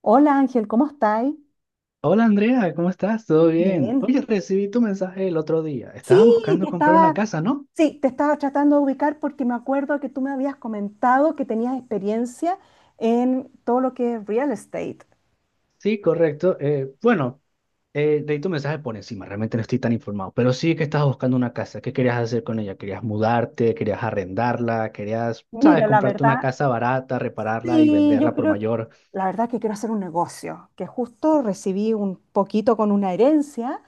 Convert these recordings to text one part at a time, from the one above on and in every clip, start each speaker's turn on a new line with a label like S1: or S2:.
S1: Hola Ángel, ¿cómo estáis?
S2: Hola Andrea, ¿cómo estás? ¿Todo bien?
S1: Bien.
S2: Oye, recibí tu mensaje el otro día.
S1: Sí,
S2: Estabas
S1: te
S2: buscando comprar una
S1: estaba,
S2: casa, ¿no?
S1: sí, te estaba tratando de ubicar porque me acuerdo que tú me habías comentado que tenías experiencia en todo lo que es real estate.
S2: Sí, correcto. Bueno, Leí tu mensaje por encima, realmente no estoy tan informado, pero sí que estabas buscando una casa. ¿Qué querías hacer con ella? ¿Querías mudarte? ¿Querías arrendarla? ¿Querías, sabes,
S1: Mira, la
S2: comprarte una
S1: verdad,
S2: casa barata, repararla y
S1: Sí, yo
S2: venderla por
S1: creo que
S2: mayor?
S1: La verdad que quiero hacer un negocio, que justo recibí un poquito con una herencia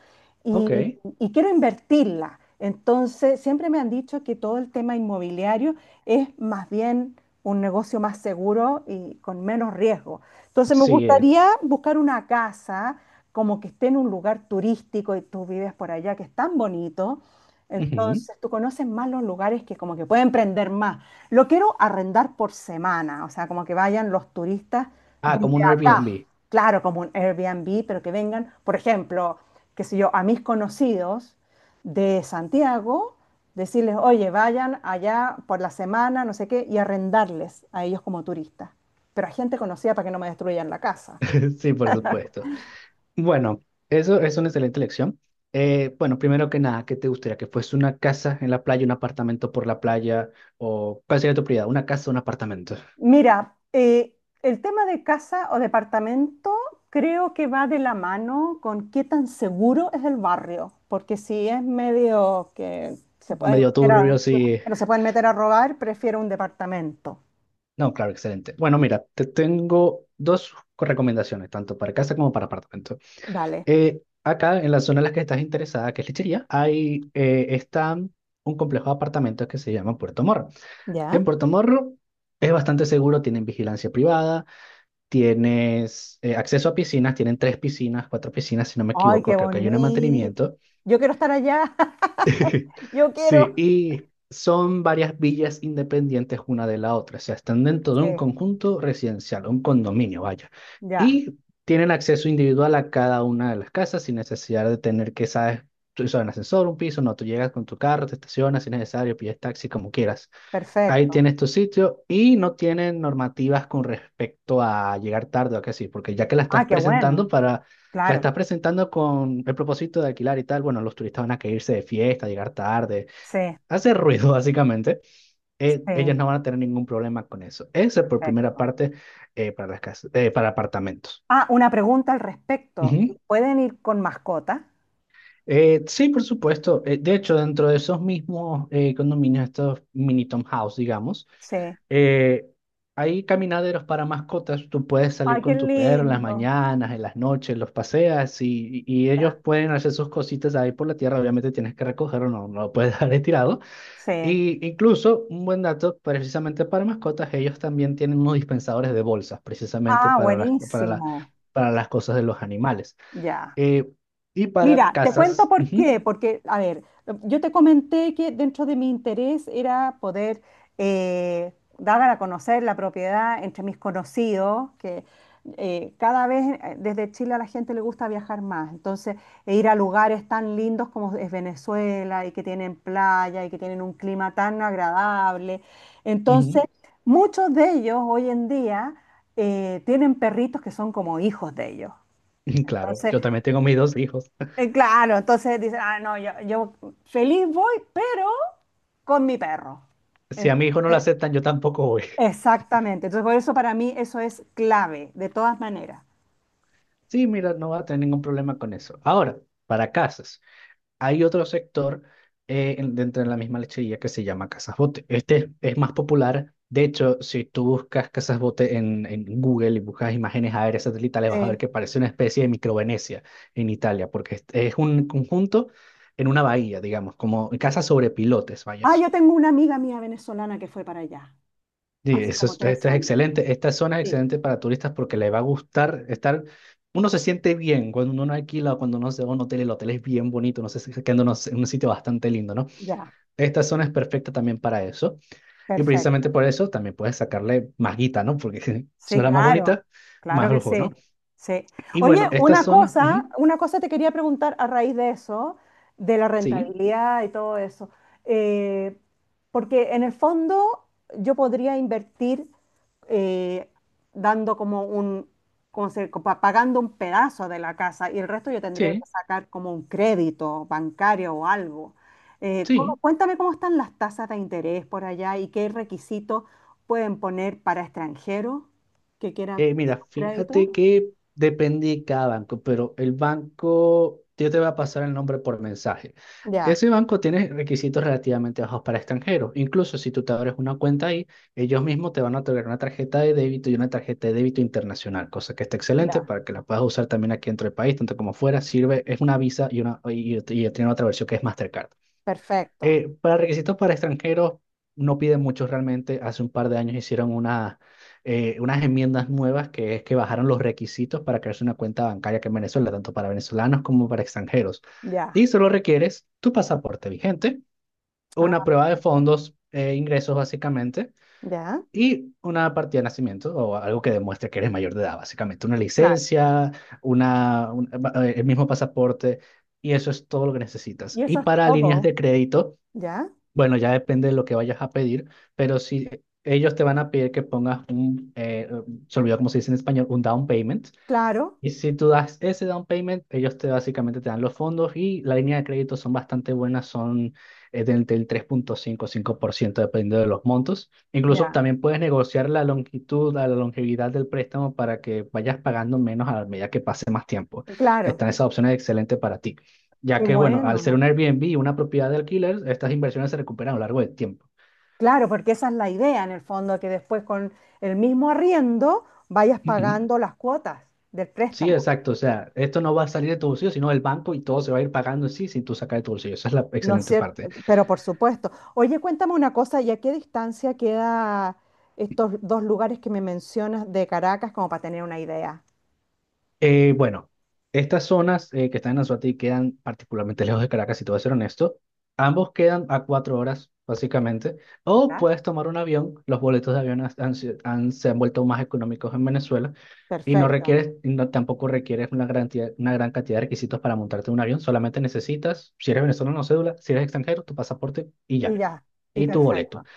S2: Ok,
S1: y, y quiero invertirla. Entonces, siempre me han dicho que todo el tema inmobiliario es más bien un negocio más seguro y con menos riesgo. Entonces, me
S2: sí es.
S1: gustaría buscar una casa como que esté en un lugar turístico, y tú vives por allá, que es tan bonito.
S2: Ujú.
S1: Entonces, tú conoces más los lugares que como que pueden prender más. Lo quiero arrendar por semana, o sea, como que vayan los turistas
S2: Ah, como
S1: desde
S2: un
S1: acá.
S2: Airbnb.
S1: Claro, como un Airbnb, pero que vengan, por ejemplo, qué sé yo, a mis conocidos de Santiago, decirles, oye, vayan allá por la semana, no sé qué, y arrendarles a ellos como turistas. Pero a gente conocida para que no me destruyan la casa.
S2: Sí, por supuesto. Bueno, eso es una excelente elección. Bueno, primero que nada, ¿qué te gustaría? ¿Que fuese una casa en la playa, un apartamento por la playa? ¿O cuál sería tu prioridad? ¿Una casa o un apartamento?
S1: Mira, el tema de casa o departamento creo que va de la mano con qué tan seguro es el barrio, porque si es medio que se pueden
S2: Medio
S1: meter
S2: turbio,
S1: a,
S2: sí.
S1: no se pueden meter a robar, prefiero un departamento.
S2: No, claro, excelente. Bueno, mira, te tengo dos recomendaciones, tanto para casa como para apartamento.
S1: Dale,
S2: Acá, en la zona en la que estás interesada, que es Lechería, está un complejo de apartamentos que se llama Puerto Morro.
S1: ¿ya?
S2: En Puerto Morro es bastante seguro, tienen vigilancia privada. Tienes acceso a piscinas, tienen tres piscinas, cuatro piscinas, si no me
S1: Ay,
S2: equivoco,
S1: qué
S2: creo que hay una de
S1: bonito.
S2: mantenimiento.
S1: Yo quiero estar allá, yo
S2: Sí,
S1: quiero.
S2: y son varias villas independientes una de la otra, o sea, están dentro de un
S1: Sí,
S2: conjunto residencial, un condominio, vaya.
S1: ya,
S2: Y tienen acceso individual a cada una de las casas sin necesidad de tener que, sabes, tú usas un ascensor, un piso, no, tú llegas con tu carro, te estacionas si es necesario, pides taxi, como quieras. Ahí
S1: perfecto.
S2: tienes tu sitio y no tienen normativas con respecto a llegar tarde o que sí, porque ya que la
S1: Ah,
S2: estás
S1: qué
S2: presentando
S1: bueno,
S2: para, la
S1: claro.
S2: estás presentando con el propósito de alquilar y tal, bueno, los turistas van a querer irse de fiesta, llegar tarde,
S1: Sí,
S2: hacer ruido básicamente, ellos
S1: sí,
S2: no van a tener ningún problema con eso. Ese por primera
S1: perfecto.
S2: parte, para las casas, para apartamentos.
S1: Ah, una pregunta al respecto.
S2: Ujú.
S1: ¿Pueden ir con mascotas?
S2: Sí, por supuesto. De hecho, dentro de esos mismos condominios, estos mini townhouse, digamos.
S1: Sí.
S2: Eh, Hay caminaderos para mascotas, tú puedes salir
S1: Ay, qué
S2: con tu perro en las
S1: lindo.
S2: mañanas, en las noches, los paseas y
S1: Ya.
S2: ellos pueden hacer sus cositas ahí por la tierra, obviamente tienes que recogerlo, no, no lo puedes dejar ahí tirado.
S1: Sí.
S2: Y incluso un buen dato, precisamente para mascotas, ellos también tienen unos dispensadores de bolsas, precisamente
S1: Ah,
S2: para
S1: buenísimo.
S2: para las cosas de los animales.
S1: Ya.
S2: Eh, y para
S1: Mira, te cuento
S2: casas,
S1: por
S2: ujú,
S1: qué, porque, a ver, yo te comenté que dentro de mi interés era poder dar a conocer la propiedad entre mis conocidos, que cada vez desde Chile a la gente le gusta viajar más, entonces e ir a lugares tan lindos como es Venezuela y que tienen playa y que tienen un clima tan agradable. Entonces,
S2: ujú.
S1: muchos de ellos hoy en día tienen perritos que son como hijos de ellos.
S2: Claro,
S1: Entonces,
S2: yo también tengo mis dos hijos.
S1: Claro, entonces dicen, ah, no, yo feliz voy, pero con mi perro.
S2: Si a mi hijo no lo
S1: Entonces,
S2: aceptan, yo tampoco voy.
S1: exactamente. Entonces, por eso para mí eso es clave, de todas maneras.
S2: Sí, mira, no va a tener ningún problema con eso. Ahora, para casas, hay otro sector dentro de la misma lechería que se llama Casas Bote. Este es más popular. De hecho, si tú buscas Casas Bote en Google y buscas imágenes aéreas satelitales, vas a ver
S1: Sí.
S2: que parece una especie de micro Venecia en Italia, porque es un conjunto en una bahía, digamos, como casas sobre pilotes, vaya.
S1: Ah, yo tengo una amiga mía venezolana que fue para allá,
S2: Sí,
S1: hace
S2: eso
S1: como
S2: es,
S1: tres
S2: esto es
S1: años.
S2: excelente. Esta zona es
S1: Sí,
S2: excelente para turistas porque le va a gustar estar. Uno se siente bien cuando uno no alquila o cuando uno se va a un hotel. El hotel es bien bonito, no sé, quedándonos en un sitio bastante lindo, ¿no?
S1: ya,
S2: Esta zona es perfecta también para eso. Y precisamente
S1: perfecto.
S2: por eso también puedes sacarle más guita, ¿no? Porque
S1: Sí,
S2: suena más
S1: claro,
S2: bonita, más
S1: claro que
S2: lujo,
S1: sí.
S2: ¿no?
S1: Sí.
S2: Y
S1: Oye,
S2: bueno, esta zona,
S1: una cosa te quería preguntar a raíz de eso, de la
S2: sí,
S1: rentabilidad y todo eso. Eh, Porque en el fondo yo podría invertir eh, dando como un, como se- co- pa- pagando un pedazo de la casa y el resto yo tendría que
S2: sí,
S1: sacar como un crédito bancario o algo. ¿
S2: sí.
S1: Cuéntame cómo están las tasas de interés por allá y qué requisitos pueden poner para extranjeros que quiera pedir
S2: Mira,
S1: un crédito.
S2: fíjate que depende de cada banco, pero el banco, yo te voy a pasar el nombre por mensaje.
S1: Ya,
S2: Ese banco tiene requisitos relativamente bajos para extranjeros. Incluso si tú te abres una cuenta ahí, ellos mismos te van a otorgar una tarjeta de débito y una tarjeta de débito internacional, cosa que está excelente
S1: ya,
S2: para que la puedas usar también aquí dentro del país, tanto como fuera. Sirve, es una Visa y tiene otra versión que es Mastercard.
S1: perfecto.
S2: Para requisitos para extranjeros no piden mucho realmente. Hace un par de años hicieron unas enmiendas nuevas que es que bajaron los requisitos para crearse una cuenta bancaria que en Venezuela, tanto para venezolanos como para extranjeros.
S1: Ya,
S2: Y solo requieres tu pasaporte vigente,
S1: ah,
S2: una prueba de
S1: perfecto.
S2: fondos e ingresos básicamente
S1: Ya,
S2: y una partida de nacimiento o algo que demuestre que eres mayor de edad, básicamente una
S1: claro.
S2: licencia, una, un- el mismo pasaporte y eso es todo lo que necesitas.
S1: Y
S2: Y
S1: eso es
S2: para líneas
S1: todo.
S2: de crédito.
S1: Ya,
S2: Bueno, ya depende de lo que vayas a pedir, pero si ellos te van a pedir que pongas se olvidó cómo se dice en español, un down payment,
S1: claro,
S2: y si tú das ese down payment, ellos te básicamente te dan los fondos y la línea de crédito son bastante buenas, son del tres punto cinco, 5% dependiendo de los montos. Incluso
S1: ya,
S2: también puedes negociar la longitud, la longevidad del préstamo para que vayas pagando menos a la medida que pase más tiempo.
S1: claro,
S2: Están esas opciones excelentes para ti,
S1: qué
S2: ya
S1: ah,
S2: que bueno, al ser un
S1: bueno.
S2: Airbnb y una propiedad de alquiler, estas inversiones se recuperan a lo largo del tiempo.
S1: Claro, porque esa es la idea en el fondo, que después con el mismo arriendo vayas
S2: Ujú.
S1: pagando las cuotas del
S2: Sí,
S1: préstamo,
S2: exacto. O sea, esto no va a salir de tu bolsillo, sino del banco y todo se va a ir pagando en sí sin tú sacar de tu bolsillo. Esa es la
S1: ¿no es
S2: excelente
S1: cierto?
S2: parte.
S1: Pero por supuesto. Oye, cuéntame una cosa, ¿y a qué distancia queda estos dos lugares que me mencionas de Caracas, como para tener una idea?
S2: Bueno, estas zonas que están en Anzoátegui quedan particularmente lejos de Caracas, si te voy a ser honesto. Ambos quedan a 4 horas, básicamente. O
S1: Ya.
S2: puedes tomar un avión. Los boletos de avión se han vuelto más económicos en Venezuela. Y no
S1: Perfecto.
S2: requieres, y no, tampoco requieres una gran cantidad de requisitos para montarte en un avión. Solamente necesitas, si eres venezolano, no cédula, si eres extranjero, tu pasaporte y
S1: Y
S2: ya.
S1: ya, y
S2: Y tu boleto.
S1: perfecto,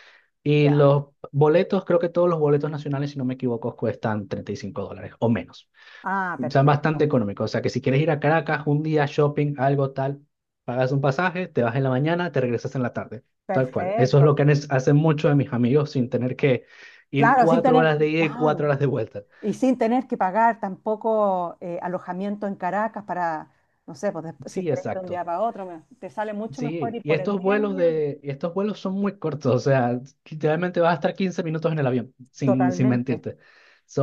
S2: Y
S1: ya.
S2: los boletos, creo que todos los boletos nacionales, si no me equivoco, cuestan $35 o menos.
S1: Ah,
S2: Son bastante
S1: perfecto,
S2: económicos. O sea que si quieres ir a Caracas un día shopping, algo tal, pagas un pasaje, te vas en la mañana, te regresas en la tarde. Tal cual. Eso es lo
S1: perfecto.
S2: que hacen muchos de mis amigos sin tener que ir
S1: Claro,
S2: cuatro horas de ida y cuatro
S1: claro,
S2: horas de vuelta.
S1: y sin tener que pagar tampoco alojamiento en Caracas para, no sé, pues después, si
S2: Sí,
S1: querés de un día
S2: exacto.
S1: para otro, te sale mucho mejor
S2: Sí,
S1: ir
S2: y
S1: por el día en avión.
S2: estos vuelos son muy cortos, o sea, literalmente vas a estar 15 minutos en el avión, sin
S1: Totalmente,
S2: mentirte.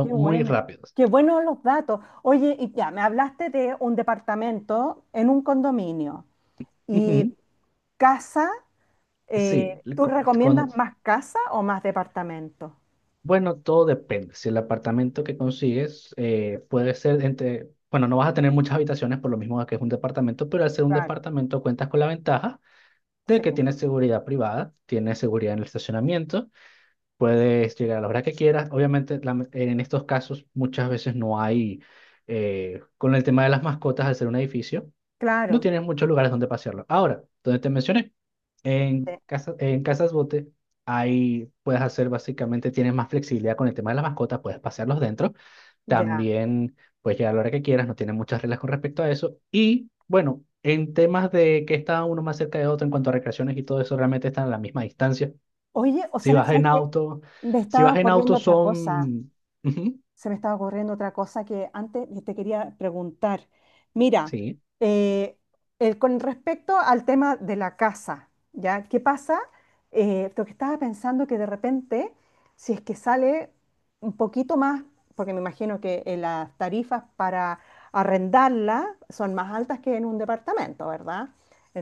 S1: qué
S2: muy
S1: bueno,
S2: rápidos.
S1: qué buenos los datos. Oye, y ya, me hablaste de un departamento en un condominio y
S2: Ujú.
S1: casa,
S2: Sí, le-
S1: ¿tú
S2: co- cuando,
S1: recomiendas más casa o más departamento?
S2: Bueno, todo depende. Si el apartamento que consigues puede ser entre, bueno, no vas a tener muchas habitaciones por lo mismo que es un departamento, pero al ser un
S1: Claro,
S2: departamento cuentas con la ventaja de
S1: sí.
S2: que tienes seguridad privada, tienes seguridad en el estacionamiento, puedes llegar a la hora que quieras. Obviamente, en estos casos muchas veces no hay, con el tema de las mascotas, al ser un edificio
S1: Claro,
S2: no tienes muchos lugares donde pasearlo. Ahora, donde te mencioné,
S1: sí.
S2: en casa, en Casas Bote, ahí puedes hacer básicamente, tienes más flexibilidad con el tema de las mascotas, puedes pasearlos dentro.
S1: Ya.
S2: También puedes llegar a la hora que quieras, no tienen muchas reglas con respecto a eso. Y bueno, en temas de que está uno más cerca de otro en cuanto a recreaciones y todo eso, realmente están a la misma distancia.
S1: Oye, o
S2: Si
S1: sea,
S2: vas
S1: ¿sabes
S2: en
S1: qué?
S2: auto,
S1: Me
S2: si
S1: estaba
S2: vas en auto
S1: ocurriendo otra cosa.
S2: son... Ujú.
S1: Se me estaba ocurriendo otra cosa que antes te quería preguntar. Mira,
S2: Sí,
S1: eh, con respecto al tema de la casa, ¿ya? ¿Qué pasa? Lo que estaba pensando que de repente, si es que sale un poquito más, porque me imagino que las tarifas para arrendarla son más altas que en un departamento, ¿verdad?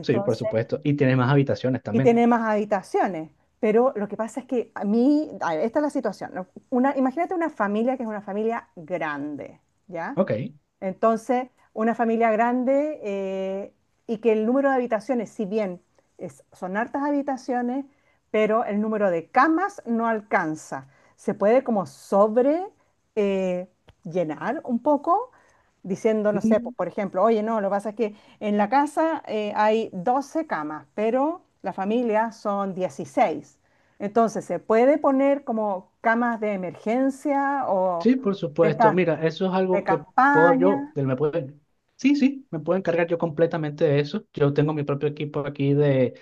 S2: sí, por supuesto. Y tienes más habitaciones
S1: y
S2: también.
S1: tiene más habitaciones. Pero lo que pasa es que a mí, a ver, esta es la situación, ¿no? Una, imagínate una familia que es una familia grande, ¿ya?
S2: Ok.
S1: Entonces, una familia grande, y que el número de habitaciones, si bien son hartas habitaciones, pero el número de camas no alcanza. Se puede como sobre eh, llenar un poco, diciendo, no sé,
S2: Mm.
S1: por ejemplo, oye, no, lo que pasa es que en la casa hay 12 camas, pero la familia son 16. Entonces, se puede poner como camas de emergencia o
S2: Sí, por
S1: de
S2: supuesto.
S1: estas
S2: Mira, eso es
S1: de
S2: algo que puedo yo,
S1: campaña.
S2: del- me puede, sí, sí, me puedo encargar yo completamente de eso. Yo tengo mi propio equipo aquí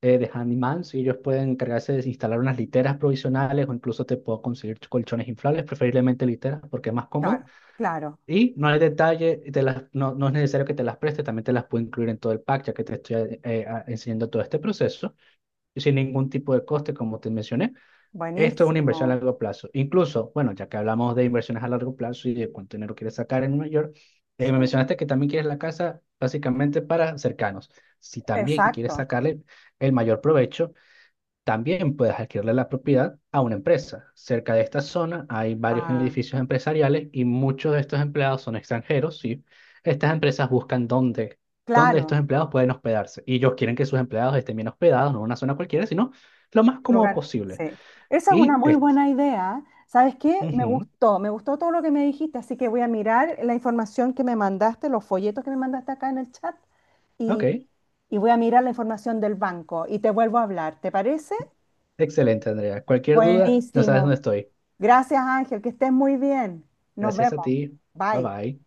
S2: de Handymans y ellos pueden encargarse de instalar unas literas provisionales o incluso te puedo conseguir colchones inflables, preferiblemente literas porque es más cómodo.
S1: Claro, claro.
S2: Y no hay detalle, no, no es necesario que te las preste, también te las puedo incluir en todo el pack, ya que te estoy enseñando todo este proceso y sin ningún tipo de coste, como te mencioné. Esto es una inversión a
S1: Buenísimo.
S2: largo plazo. Incluso, bueno, ya que hablamos de inversiones a largo plazo y de cuánto dinero quieres sacar en Nueva York,
S1: Sí,
S2: me mencionaste que también quieres la casa básicamente para cercanos. Si también quieres
S1: exacto.
S2: sacarle el mayor provecho, también puedes adquirirle la propiedad a una empresa. Cerca de esta zona hay varios
S1: Ah,
S2: edificios empresariales y muchos de estos empleados son extranjeros, ¿sí? Estas empresas buscan dónde estos
S1: claro.
S2: empleados pueden hospedarse y ellos quieren que sus empleados estén bien hospedados, no en una zona cualquiera, sino lo más cómodo
S1: Lugar.
S2: posible.
S1: Sí. Esa es una
S2: Y
S1: muy
S2: este,
S1: buena idea. ¿Sabes qué?
S2: Ujú.
S1: Me gustó todo lo que me dijiste, así que voy a mirar la información que me mandaste, los folletos que me mandaste acá en el chat.
S2: Ok,
S1: Y voy a mirar la información del banco y te vuelvo a hablar. ¿Te parece?
S2: excelente, Andrea. Cualquier duda, no sabes dónde
S1: Buenísimo.
S2: estoy.
S1: Gracias, Ángel. Que estés muy bien. Nos
S2: Gracias
S1: vemos.
S2: a ti. Bye
S1: Bye.
S2: bye.